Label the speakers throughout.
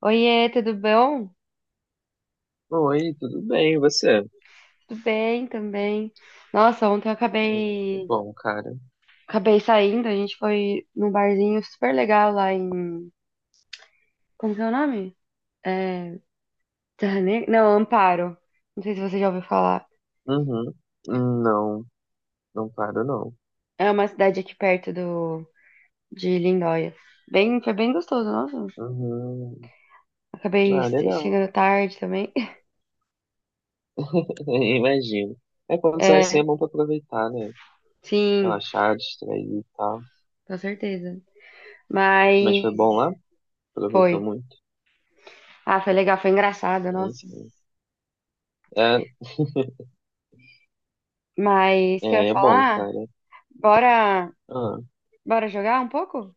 Speaker 1: Oiê, tudo bom?
Speaker 2: Oi, tudo bem, e você?
Speaker 1: Tudo bem também. Nossa, ontem eu
Speaker 2: Que
Speaker 1: acabei,
Speaker 2: bom, cara.
Speaker 1: acabei saindo, a gente foi num barzinho super legal lá em, como que é o nome? É, Terra Negra? Não, Amparo. Não sei se você já ouviu falar.
Speaker 2: Uhum. Não, não paro, não.
Speaker 1: É uma cidade aqui perto do, de Lindóia. Bem, foi bem gostoso, nossa.
Speaker 2: Uhum.
Speaker 1: Acabei
Speaker 2: Ah, legal.
Speaker 1: chegando tarde também.
Speaker 2: Imagino. É quando sai assim é
Speaker 1: É,
Speaker 2: bom pra aproveitar, né?
Speaker 1: sim,
Speaker 2: Relaxar, distrair e tal.
Speaker 1: com certeza.
Speaker 2: Mas foi bom
Speaker 1: Mas
Speaker 2: lá? Aproveitou
Speaker 1: foi.
Speaker 2: muito.
Speaker 1: Ah, foi legal, foi engraçado,
Speaker 2: É
Speaker 1: nossa.
Speaker 2: isso aí. É,
Speaker 1: Mas o que eu ia
Speaker 2: é bom,
Speaker 1: falar?
Speaker 2: cara.
Speaker 1: Bora
Speaker 2: Ah,
Speaker 1: Bora jogar um pouco?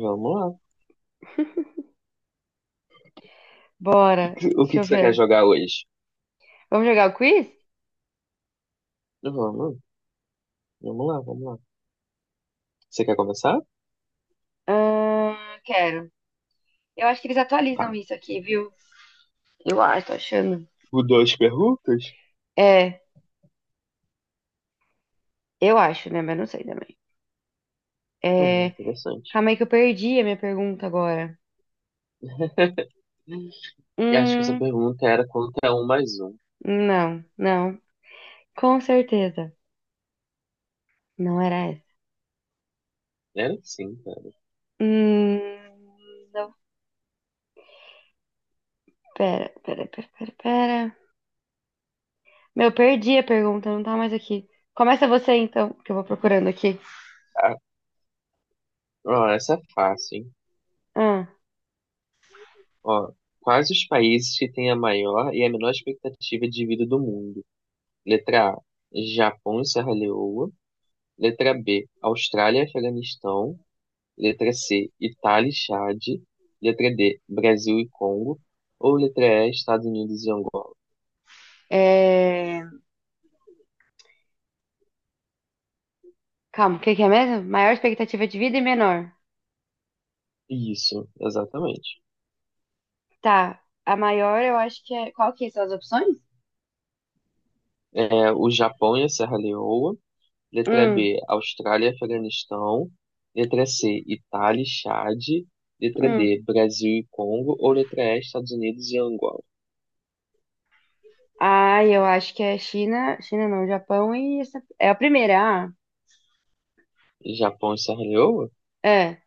Speaker 2: vamos lá.
Speaker 1: Bora.
Speaker 2: O
Speaker 1: Deixa
Speaker 2: que
Speaker 1: eu
Speaker 2: que você
Speaker 1: ver.
Speaker 2: quer jogar hoje?
Speaker 1: Vamos jogar o quiz?
Speaker 2: Vamos, vamos lá, vamos lá. Você quer começar?
Speaker 1: Ah, quero. Eu acho que eles atualizam
Speaker 2: Tá.
Speaker 1: isso aqui, viu? Eu acho, tô achando.
Speaker 2: O duas perguntas?
Speaker 1: É, eu acho, né? Mas não sei também.
Speaker 2: É
Speaker 1: É,
Speaker 2: interessante.
Speaker 1: calma aí que eu perdi a minha pergunta agora.
Speaker 2: Eu acho que essa
Speaker 1: Hum,
Speaker 2: pergunta era quanto é um mais um.
Speaker 1: não, não. Com certeza. Não era essa.
Speaker 2: Era sim, cara.
Speaker 1: Hum, não, pera, pera, pera, pera, pera. Meu, perdi a pergunta, não tá mais aqui. Começa você então, que eu vou procurando aqui.
Speaker 2: Ah, ó, essa é fácil, hein?
Speaker 1: Ah,
Speaker 2: Ó, quais os países que têm a maior e a menor expectativa de vida do mundo? Letra A, Japão e Serra Leoa. Letra B, Austrália e Afeganistão. Letra C, Itália e Chade. Letra D, Brasil e Congo. Ou letra E, Estados Unidos e Angola.
Speaker 1: é. Calma, o que que é mesmo? Maior expectativa de vida e menor.
Speaker 2: Isso, exatamente.
Speaker 1: Tá. A maior eu acho que é. Qual que são as opções?
Speaker 2: É, o Japão e a Serra Leoa. Letra
Speaker 1: Hum,
Speaker 2: B, Austrália e Afeganistão. Letra C, Itália e Chad. Letra
Speaker 1: hum.
Speaker 2: D, Brasil e Congo. Ou letra E, Estados Unidos e Angola.
Speaker 1: Ah, eu acho que é China. China não, Japão e essa. É a primeira. Ah,
Speaker 2: Japão e Serra Leoa?
Speaker 1: é.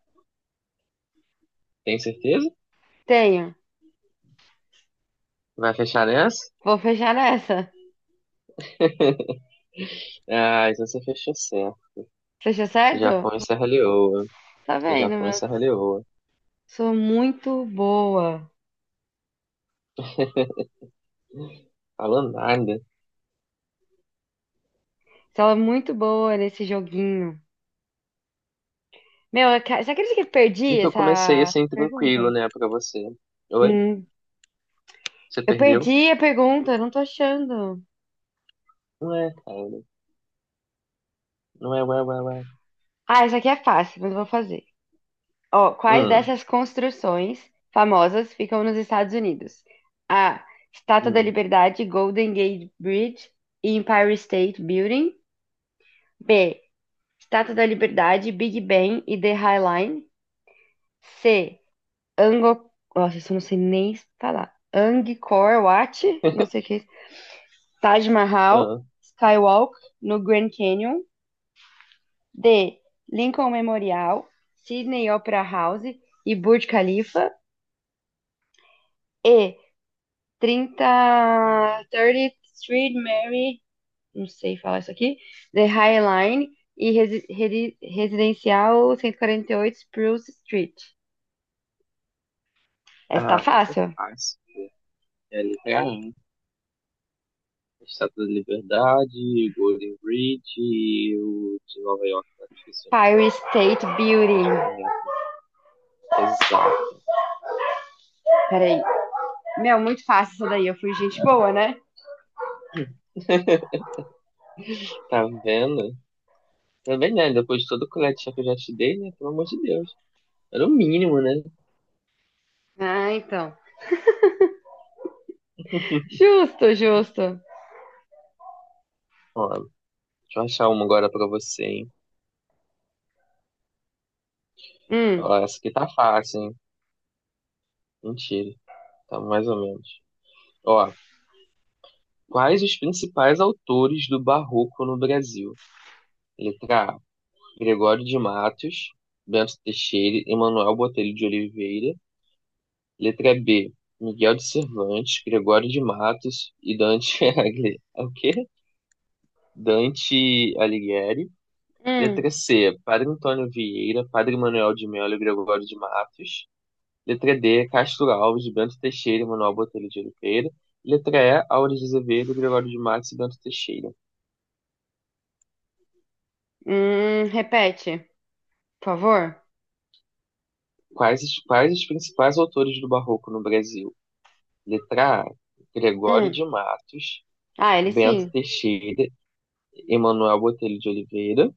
Speaker 2: Tem certeza?
Speaker 1: Tenho.
Speaker 2: Vai fechar nessa?
Speaker 1: Vou fechar nessa.
Speaker 2: Ah, então você fechou certo.
Speaker 1: Fechou certo?
Speaker 2: Japão e Serra Leoa.
Speaker 1: Tá vendo,
Speaker 2: Japão e
Speaker 1: meu?
Speaker 2: Serra Leoa.
Speaker 1: Sou muito boa.
Speaker 2: Falou nada.
Speaker 1: Sou muito boa nesse joguinho. Meu, você acredita que eu
Speaker 2: No
Speaker 1: perdi
Speaker 2: que eu comecei
Speaker 1: essa
Speaker 2: assim, tranquilo,
Speaker 1: pergunta?
Speaker 2: né, pra você. Oi?
Speaker 1: Hum.
Speaker 2: Você
Speaker 1: Eu
Speaker 2: perdeu?
Speaker 1: perdi a pergunta, eu não tô achando.
Speaker 2: Não é, cara. Não é, ué, ué, ué.
Speaker 1: Ah, essa aqui é fácil, mas eu vou fazer. Ó, quais
Speaker 2: Hum,
Speaker 1: dessas construções famosas ficam nos Estados Unidos? A. Estátua da
Speaker 2: hum,
Speaker 1: Liberdade, Golden Gate Bridge e Empire State Building. B. Estátua da Liberdade, Big Ben e The High Line. C. Angkor... Nossa, isso eu não sei nem falar. Angkor Wat, não sei o que é isso. Taj Mahal,
Speaker 2: hum.
Speaker 1: Skywalk no Grand Canyon. D. Lincoln Memorial, Sydney Opera House e Burj Khalifa. E. 30 30 Street Mary, não sei falar isso aqui, The High Line e Residencial 148 Spruce Street. Essa tá
Speaker 2: Ah, essa é
Speaker 1: fácil?
Speaker 2: fácil. É a letra A. Estátua da Liberdade, Golden Bridge e o de Nova York, não esqueci o nome.
Speaker 1: Fire State
Speaker 2: Acho que
Speaker 1: Building.
Speaker 2: é Nova York, não. Exato.
Speaker 1: Peraí. Meu, muito fácil isso daí. Eu fui gente boa, né?
Speaker 2: Tá vendo? Também, né? Depois de todo o colete que eu já te dei, né? Pelo amor de Deus. Era o mínimo, né?
Speaker 1: Ah, então. Justo, justo.
Speaker 2: Ó, deixa eu achar uma agora pra você, hein?
Speaker 1: Hum,
Speaker 2: Ó, essa aqui tá fácil, hein? Mentira. Tá mais ou menos. Ó, quais os principais autores do Barroco no Brasil? Letra A, Gregório de Matos, Bento Teixeira, Emanuel Botelho de Oliveira. Letra B, Miguel de Cervantes, Gregório de Matos e Dante Alighieri. É? O quê? Dante Alighieri.
Speaker 1: hum,
Speaker 2: Letra C, Padre Antônio Vieira, Padre Manuel de Melo e Gregório de Matos. Letra D, Castro Alves, Bento Teixeira e Manuel Botelho de Oliveira. Letra E, Aures de Azevedo, Gregório de Matos e Bento Teixeira.
Speaker 1: Repete, por favor.
Speaker 2: Quais os principais autores do Barroco no Brasil? Letra A, Gregório
Speaker 1: Hum.
Speaker 2: de Matos,
Speaker 1: Ah, ele
Speaker 2: Bento
Speaker 1: sim.
Speaker 2: Teixeira, Emanuel Botelho de Oliveira.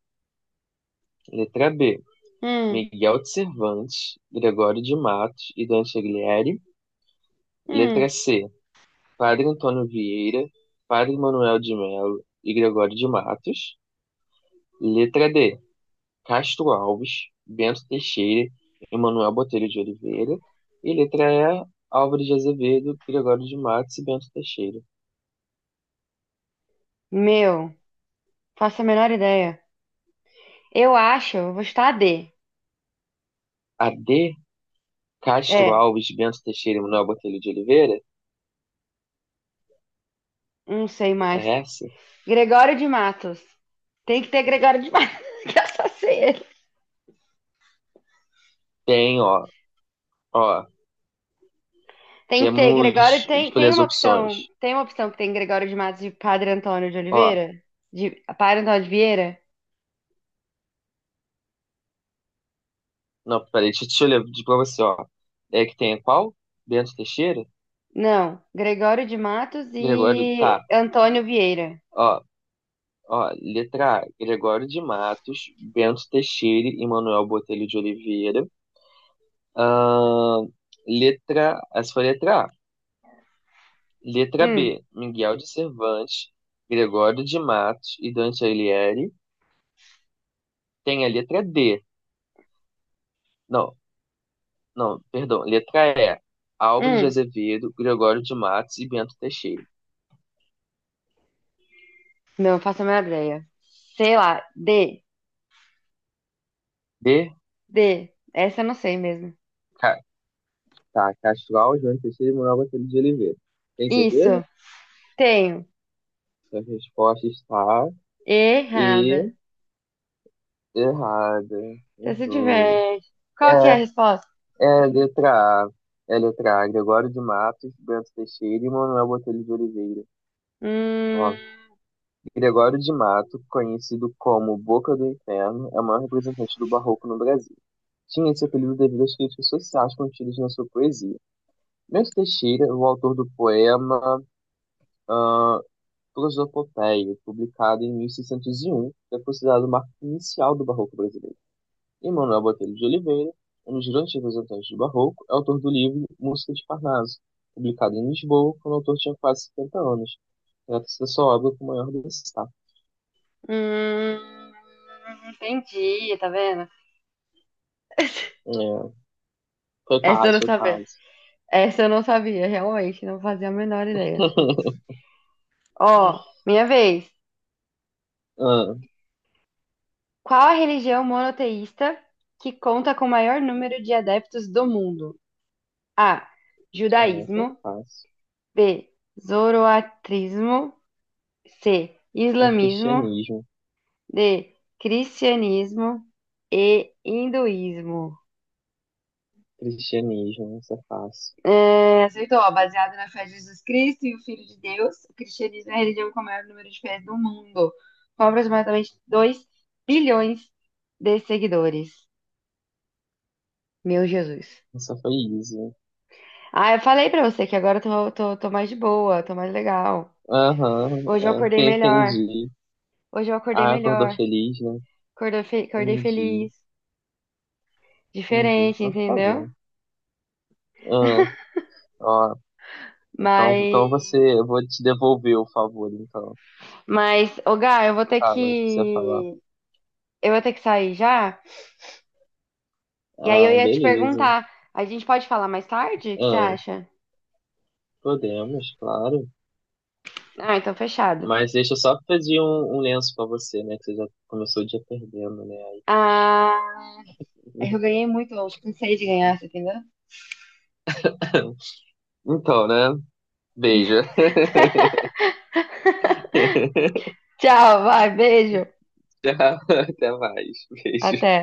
Speaker 2: Letra B,
Speaker 1: Hum,
Speaker 2: Miguel de Cervantes, Gregório de Matos e Dan Chaglieri.
Speaker 1: hum.
Speaker 2: Letra C, Padre Antônio Vieira, Padre Manuel de Melo e Gregório de Matos. Letra D, Castro Alves, Bento Teixeira, Emanuel Botelho de Oliveira. E letra E, Álvares de Azevedo, Gregório de Matos e Bento Teixeira.
Speaker 1: Meu, faço a menor ideia. Eu acho, eu vou chutar a D.
Speaker 2: A D, Castro
Speaker 1: É,
Speaker 2: Alves, Bento Teixeira e Manuel Botelho de Oliveira?
Speaker 1: não sei mais.
Speaker 2: É essa?
Speaker 1: Gregório de Matos. Tem que ter Gregório de Matos. que eu só sei ele.
Speaker 2: Tem, ó. Ó,
Speaker 1: Tem que ter
Speaker 2: temos,
Speaker 1: Gregório. Tem,
Speaker 2: deixa eu ler
Speaker 1: tem
Speaker 2: as
Speaker 1: uma opção.
Speaker 2: opções.
Speaker 1: Tem uma opção que tem Gregório de Matos de Padre Antônio de
Speaker 2: Ó,
Speaker 1: Oliveira? De Padre Antônio de Vieira?
Speaker 2: não, peraí, deixa eu ler de pra você, ó. É que tem qual? Bento Teixeira?
Speaker 1: Não. Gregório de Matos
Speaker 2: Gregório,
Speaker 1: e
Speaker 2: tá.
Speaker 1: Antônio Vieira.
Speaker 2: Ó, ó, letra A, Gregório de Matos, Bento Teixeira e Manuel Botelho de Oliveira. Ahn, letra, essa foi a letra A. Letra
Speaker 1: Hum,
Speaker 2: B, Miguel de Cervantes, Gregório de Matos e Dante Alighieri. Tem a letra D. Não, não, perdão, letra E. Álvares de
Speaker 1: hum.
Speaker 2: Azevedo, Gregório de Matos e Bento Teixeira.
Speaker 1: Não, eu faço a menor ideia. Sei lá. D.
Speaker 2: D,
Speaker 1: D. Essa eu não sei mesmo.
Speaker 2: tá, Castral, João Teixeira e Manuel Botelho de Oliveira. Tem certeza?
Speaker 1: Isso. Tenho.
Speaker 2: Então, a resposta está e
Speaker 1: Errada.
Speaker 2: errada.
Speaker 1: Você se
Speaker 2: Errou.
Speaker 1: diverte. Qual que é a
Speaker 2: É,
Speaker 1: resposta?
Speaker 2: é letra A. É letra A. Gregório de Matos, Bento Teixeira e Manuel Botelho de Oliveira.
Speaker 1: Hum.
Speaker 2: Ó, Gregório de Mato, conhecido como Boca do Inferno, é o maior representante do barroco no Brasil. Tinha esse apelido devido às críticas sociais contidas na sua poesia. Bento Teixeira, o autor do poema ah, Prosopopeia, publicado em 1601, é considerado o marco inicial do Barroco brasileiro. E Manuel Botelho de Oliveira, um dos grandes representantes do Barroco, é autor do livro Música de Parnaso, publicado em Lisboa quando o autor tinha quase 70 anos. Trata-se da sua obra com maior destaque.
Speaker 1: Hum, Entendi, tá vendo?
Speaker 2: É, foi
Speaker 1: Essa eu
Speaker 2: quase,
Speaker 1: não
Speaker 2: foi
Speaker 1: sabia.
Speaker 2: quase.
Speaker 1: Essa eu não sabia, realmente, não fazia a menor ideia. Ó, minha vez.
Speaker 2: ah,
Speaker 1: Qual a religião monoteísta que conta com o maior número de adeptos do mundo? A.
Speaker 2: é, isso é
Speaker 1: Judaísmo.
Speaker 2: fácil.
Speaker 1: B. Zoroatrismo. C.
Speaker 2: É
Speaker 1: Islamismo.
Speaker 2: cristianismo,
Speaker 1: D. Cristianismo. E. Hinduísmo.
Speaker 2: cristianismo, isso é fácil.
Speaker 1: É, aceitou, ó, baseado na fé de Jesus Cristo e o Filho de Deus, o cristianismo é a religião com o maior número de fiéis do mundo, com aproximadamente 2 bilhões de seguidores. Meu Jesus.
Speaker 2: Essa foi easy.
Speaker 1: Ah, eu falei pra você que agora eu tô mais de boa, tô mais legal.
Speaker 2: Aham,
Speaker 1: Hoje eu acordei
Speaker 2: é,
Speaker 1: melhor,
Speaker 2: entendi.
Speaker 1: hoje eu acordei
Speaker 2: Ah, acordou
Speaker 1: melhor,
Speaker 2: feliz, né?
Speaker 1: acordei
Speaker 2: Entendi,
Speaker 1: feliz,
Speaker 2: entendi.
Speaker 1: diferente,
Speaker 2: Então tá
Speaker 1: entendeu?
Speaker 2: bom. Ah, ó, então, então
Speaker 1: Mas,
Speaker 2: você, eu vou te devolver o favor, então.
Speaker 1: mas, ô Gá, eu vou ter
Speaker 2: Fala, o que você falar.
Speaker 1: que, eu vou ter que sair já. E aí eu
Speaker 2: Ah,
Speaker 1: ia te
Speaker 2: beleza.
Speaker 1: perguntar, a gente pode falar mais tarde? O que você
Speaker 2: Ah,
Speaker 1: acha?
Speaker 2: podemos, claro.
Speaker 1: Ah, então fechado.
Speaker 2: Mas deixa eu só pedir um lenço pra você, né? Que você já começou o dia perdendo, né? Aí, poxa.
Speaker 1: Ah, eu ganhei muito ontem, cansei de ganhar, você entendeu?
Speaker 2: Então, né? Beijo.
Speaker 1: Tchau, vai, beijo.
Speaker 2: Tchau, até mais.
Speaker 1: Até.
Speaker 2: Beijo.